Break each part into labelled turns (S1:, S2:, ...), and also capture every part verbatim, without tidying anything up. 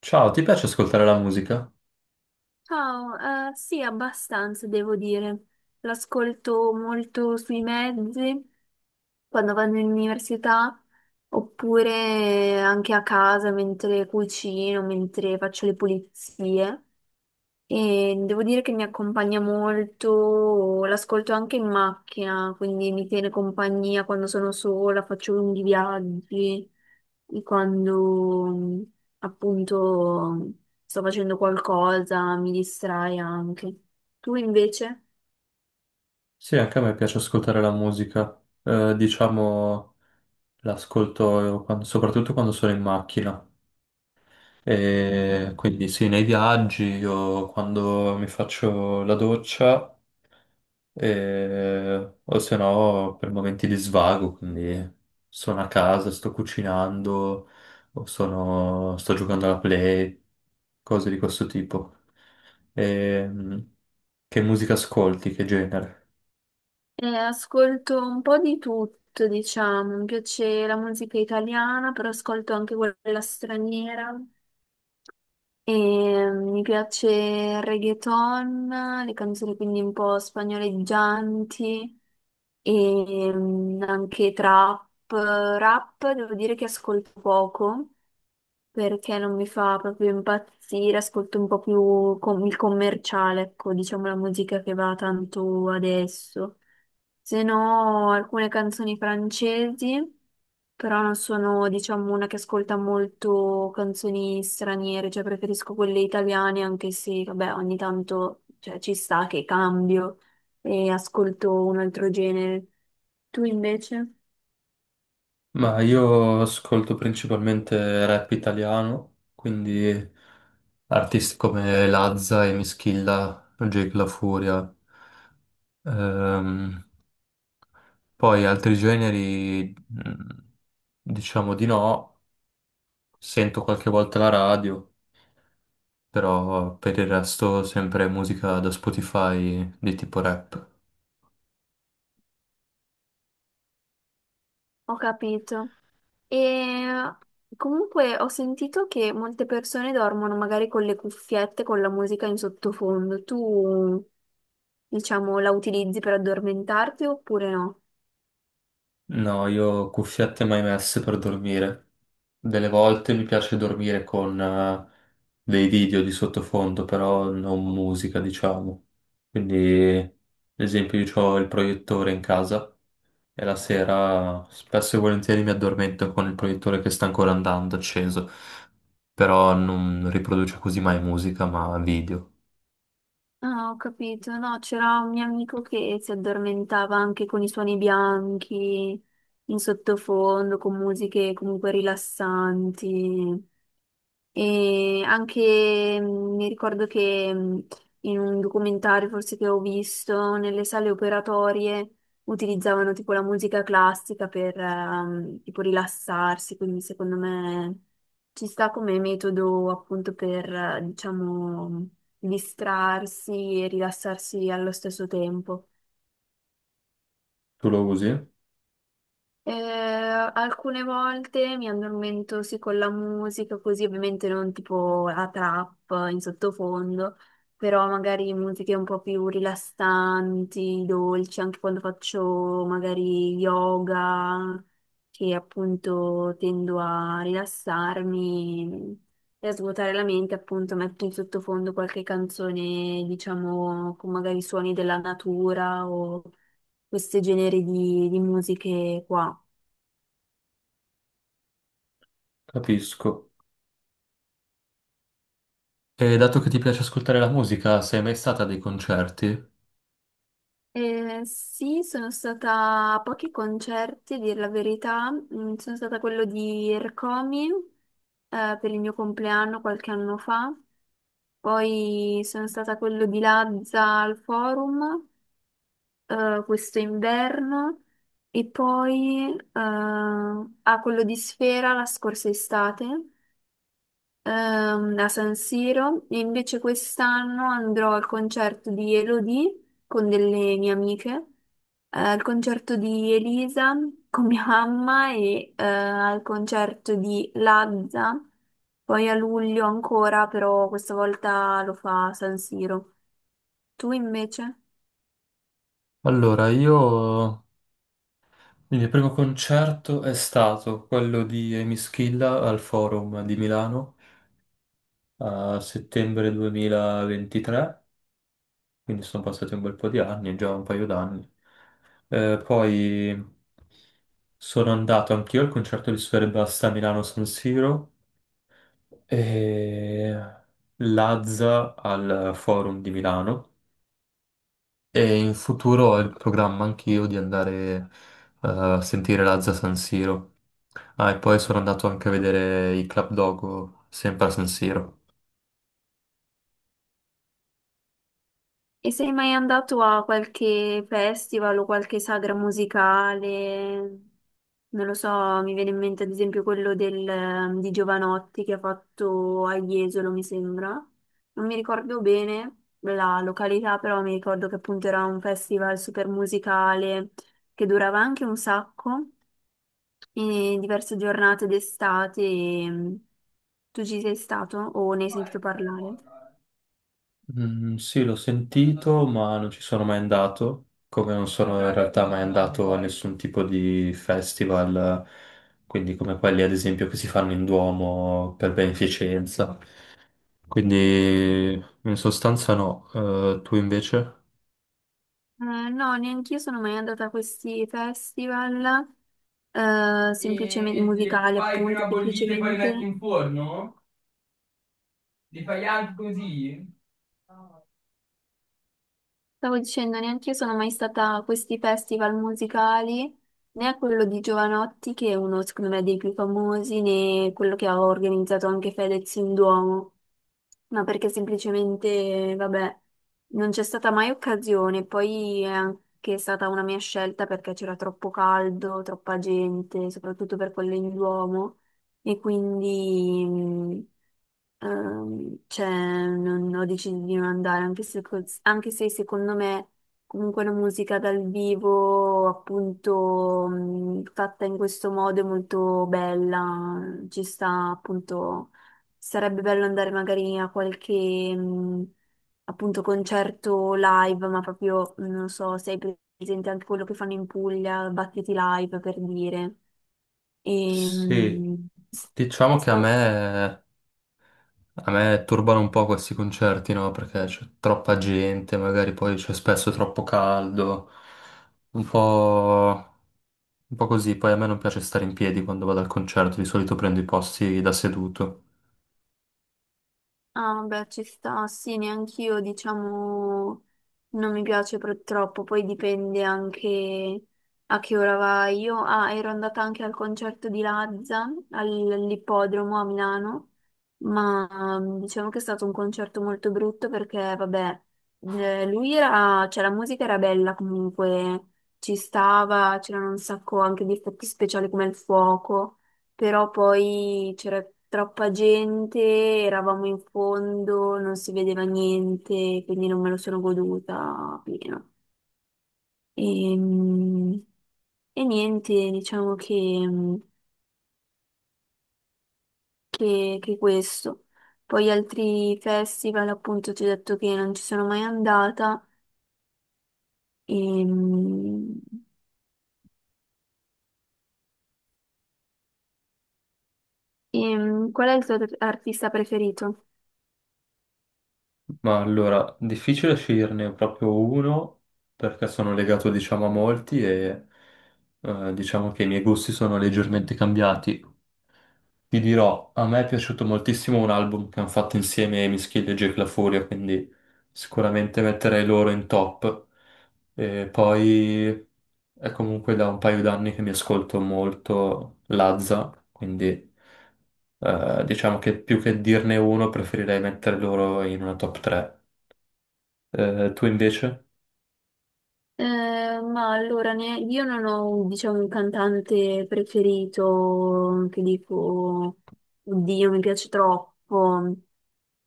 S1: Ciao, ti piace ascoltare la musica?
S2: Ciao, eh, sì, abbastanza devo dire. L'ascolto molto sui mezzi, quando vado in università, oppure anche a casa mentre cucino, mentre faccio le pulizie. E devo dire che mi accompagna molto, l'ascolto anche in macchina, quindi mi tiene compagnia quando sono sola, faccio lunghi viaggi, e quando mm, appunto sto facendo qualcosa, mi distrae anche. Tu invece?
S1: Sì, anche a me piace ascoltare la musica. Eh, diciamo, l'ascolto quando- soprattutto quando sono in macchina. E quindi sì, nei viaggi o quando mi faccio la doccia e- o se no per momenti di svago, quindi sono a casa, sto cucinando o sono- sto giocando alla play, cose di questo tipo. Ehm, che musica ascolti, che genere?
S2: Eh, ascolto un po' di tutto, diciamo, mi piace la musica italiana, però ascolto anche quella straniera. E mi piace il reggaeton, le canzoni quindi un po' spagnoleggianti e mm, anche trap. Rap devo dire che ascolto poco perché non mi fa proprio impazzire, ascolto un po' più com- il commerciale, ecco, diciamo la musica che va tanto adesso. Se no, alcune canzoni francesi, però non sono, diciamo, una che ascolta molto canzoni straniere, cioè preferisco quelle italiane, anche se, vabbè, ogni tanto, cioè, ci sta che cambio e ascolto un altro genere. Tu invece?
S1: Ma io ascolto principalmente rap italiano, quindi artisti come Lazza e Mischilla, Jake La Furia. Ehm, Poi altri generi, mh, diciamo di no, sento qualche volta la radio, però per il resto sempre musica da Spotify di tipo rap.
S2: Ho capito. E comunque ho sentito che molte persone dormono magari con le cuffiette, con la musica in sottofondo. Tu, diciamo, la utilizzi per addormentarti oppure no?
S1: No, io cuffiette mai messe per dormire. Delle volte mi piace dormire con eh, dei video di sottofondo, però non musica, diciamo. Quindi, ad esempio, io ho il proiettore in casa e la sera spesso e volentieri mi addormento con il proiettore che sta ancora andando acceso, però non riproduce così mai musica, ma video.
S2: Ah, ho capito. No, c'era un mio amico che si addormentava anche con i suoni bianchi in sottofondo, con musiche comunque rilassanti. E anche mh, mi ricordo che mh, in un documentario forse che ho visto, nelle sale operatorie utilizzavano tipo la musica classica per ehm, tipo rilassarsi, quindi secondo me ci sta come metodo appunto per eh, diciamo distrarsi e rilassarsi allo stesso tempo.
S1: Tu lo usi?
S2: Eh, alcune volte mi addormento sì con la musica, così ovviamente non tipo la trap in sottofondo, però magari musiche un po' più rilassanti, dolci, anche quando faccio magari yoga, che appunto tendo a rilassarmi e a svuotare la mente, appunto metto in sottofondo qualche canzone, diciamo, con magari suoni della natura o questi generi di, di musiche qua.
S1: Capisco. E dato che ti piace ascoltare la musica, sei mai stata a dei concerti?
S2: Eh, sì, sono stata a pochi concerti, a dire la verità. Mm, sono stata a quello di Ercomi, eh, per il mio compleanno qualche anno fa. Poi sono stata a quello di Lazza al Forum, eh, questo inverno. E poi, eh, a quello di Sfera la scorsa estate ehm, a San Siro, e invece quest'anno andrò al concerto di Elodie con delle mie amiche, eh, al concerto di Elisa con mia mamma e eh, al concerto di Lazza, poi a luglio ancora, però questa volta lo fa a San Siro. Tu invece?
S1: Allora, io quindi il primo concerto è stato quello di Amy Schilla al Forum di Milano a settembre duemilaventitré, quindi sono passati un bel po' di anni, già un paio d'anni. Eh, poi sono andato anch'io al concerto di Sfera Ebbasta a Milano San Siro e Lazza al Forum di Milano e in futuro ho il programma anch'io di andare eh, a sentire Lazza San Siro. Ah, e poi sono andato anche a vedere i Club Dogo, sempre a San Siro.
S2: E sei mai andato a qualche festival o qualche sagra musicale? Non lo so, mi viene in mente ad esempio quello del, ehm, di Giovanotti che ha fatto a Jesolo, mi sembra. Non mi ricordo bene la località, però mi ricordo che appunto era un festival super musicale che durava anche un sacco, e diverse giornate d'estate. e, ehm, Tu ci sei stato o ne hai sentito parlare?
S1: Mm, sì, l'ho sentito, ma non ci sono mai andato, come non sono in realtà mai andato a nessun tipo di festival, quindi come quelli ad esempio che si fanno in Duomo per beneficenza. Quindi in sostanza no. Eh, tu invece?
S2: Eh, no, neanche io sono mai andata a questi festival, eh, semplicemente
S1: E le
S2: musicali,
S1: fai
S2: appunto,
S1: prima bollite e poi le metti
S2: semplicemente.
S1: in forno? Le fai anche così?
S2: Stavo dicendo, neanche io sono mai stata a questi festival musicali, né a quello di Giovanotti, che è uno, secondo me, dei più famosi, né quello che ha organizzato anche Fedez in Duomo, ma perché semplicemente, vabbè, non c'è stata mai occasione. Poi è anche stata una mia scelta perché c'era troppo caldo, troppa gente, soprattutto per quello in Duomo. E quindi mh, ehm, cioè, non, ho deciso di non andare, anche se, cos- anche se secondo me comunque la musica dal vivo, appunto, mh, fatta in questo modo è molto bella, ci sta appunto, sarebbe bello andare magari a qualche... mh, appunto concerto live, ma proprio non so se hai presente anche quello che fanno in Puglia, Battiti Live per dire.
S1: Sì,
S2: Ehm,
S1: diciamo che a
S2: sto-
S1: me, a me turbano un po' questi concerti, no? Perché c'è troppa gente, magari poi c'è spesso troppo caldo, un po', un po' così. Poi a me non piace stare in piedi quando vado al concerto, di solito prendo i posti da seduto.
S2: ah, vabbè, ci sta, sì, neanch'io, diciamo, non mi piace pro- troppo, poi dipende anche a che ora vai. Io, ah, ero andata anche al concerto di Lazza, al- all'ippodromo a Milano, ma mm, diciamo che è stato un concerto molto brutto perché, vabbè, eh, lui era, cioè la musica era bella comunque, ci stava, c'erano un sacco anche di effetti speciali come il fuoco. Però poi c'era troppa gente, eravamo in fondo, non si vedeva niente, quindi non me lo sono goduta pieno. Ehm, E, niente, diciamo che, mm, che, che questo. Poi altri festival, appunto, ti ho detto che non ci sono mai andata. Ehm, ehm, Qual è il tuo artista preferito?
S1: Ma allora, difficile sceglierne proprio uno, perché sono legato, diciamo, a molti e eh, diciamo che i miei gusti sono leggermente cambiati. Ti dirò, a me è piaciuto moltissimo un album che hanno fatto insieme Emischid e Jake La Furia, quindi sicuramente metterei loro in top. E poi è comunque da un paio d'anni che mi ascolto molto Lazza, quindi eh, diciamo che più che dirne uno preferirei mettere loro in una top tre. Tu invece?
S2: Eh, ma allora, ne- io non ho, diciamo, un cantante preferito che dico, oddio, mi piace troppo,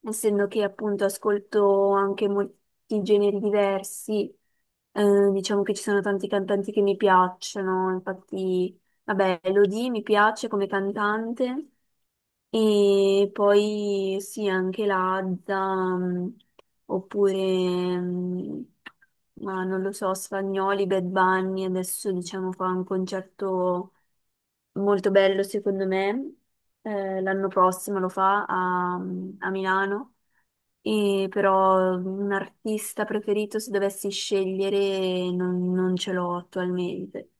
S2: essendo che appunto ascolto anche molti generi diversi, eh, diciamo che ci sono tanti cantanti che mi piacciono, infatti, vabbè, Elodie mi piace come cantante, e poi sì, anche l'Azza, mh, oppure, mh, ma non lo so, Sfagnoli, Bad Bunny, adesso diciamo fa un concerto molto bello secondo me. Eh, l'anno prossimo lo fa a, mm, a Milano, e però mm, un artista preferito se dovessi scegliere non, non ce l'ho attualmente.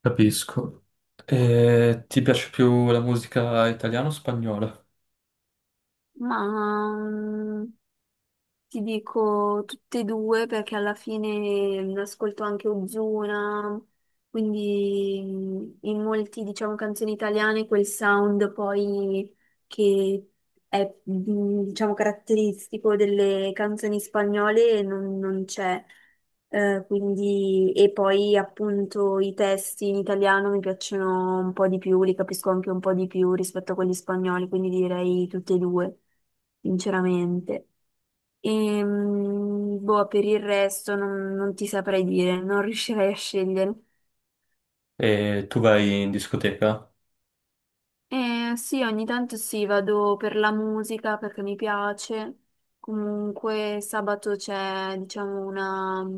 S1: Capisco. E ti piace più la musica italiana o spagnola?
S2: Ma... mm, ti dico tutte e due perché alla fine mh, ascolto anche Ozuna, quindi mh, in molti, diciamo, canzoni italiane quel sound poi che è, mh, diciamo, caratteristico delle canzoni spagnole non, non c'è. Eh, quindi, e poi appunto i testi in italiano mi piacciono un po' di più, li capisco anche un po' di più rispetto a quelli spagnoli, quindi direi tutte e due, sinceramente. E, boh, per il resto non, non ti saprei dire, non riuscirei a scegliere.
S1: E tu vai in discoteca?
S2: Eh, sì, ogni tanto sì, vado per la musica perché mi piace. Comunque sabato c'è, diciamo, una,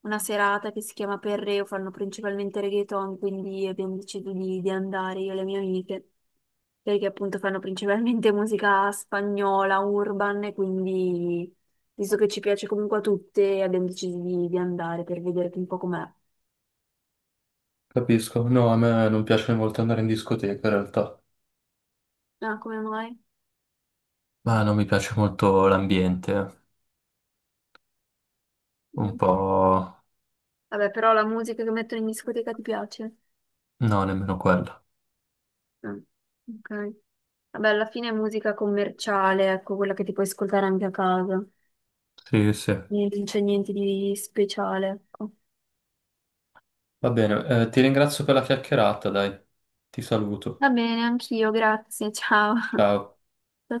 S2: una serata che si chiama Perreo, fanno principalmente reggaeton, quindi abbiamo deciso di, di andare io e le mie amiche, perché appunto fanno principalmente musica spagnola, urban, e quindi visto che ci piace comunque a tutte, abbiamo deciso di, di andare per vedere un po' com'è.
S1: Capisco, no, a me non piace molto andare in discoteca in realtà,
S2: Ah, come mai?
S1: ma non mi piace molto l'ambiente, un
S2: Mm.
S1: po'...
S2: Vabbè, però la musica che mettono in discoteca ti piace?
S1: No, nemmeno quello.
S2: Mm. Ok. Vabbè, alla fine è musica commerciale, ecco, quella che ti puoi ascoltare anche a casa.
S1: Sì, sì. Va
S2: Niente- non c'è niente di speciale, ecco.
S1: bene, eh, ti ringrazio per la chiacchierata, dai. Ti saluto.
S2: Va bene, anch'io, grazie, ciao.
S1: Ciao.
S2: Ciao, ciao.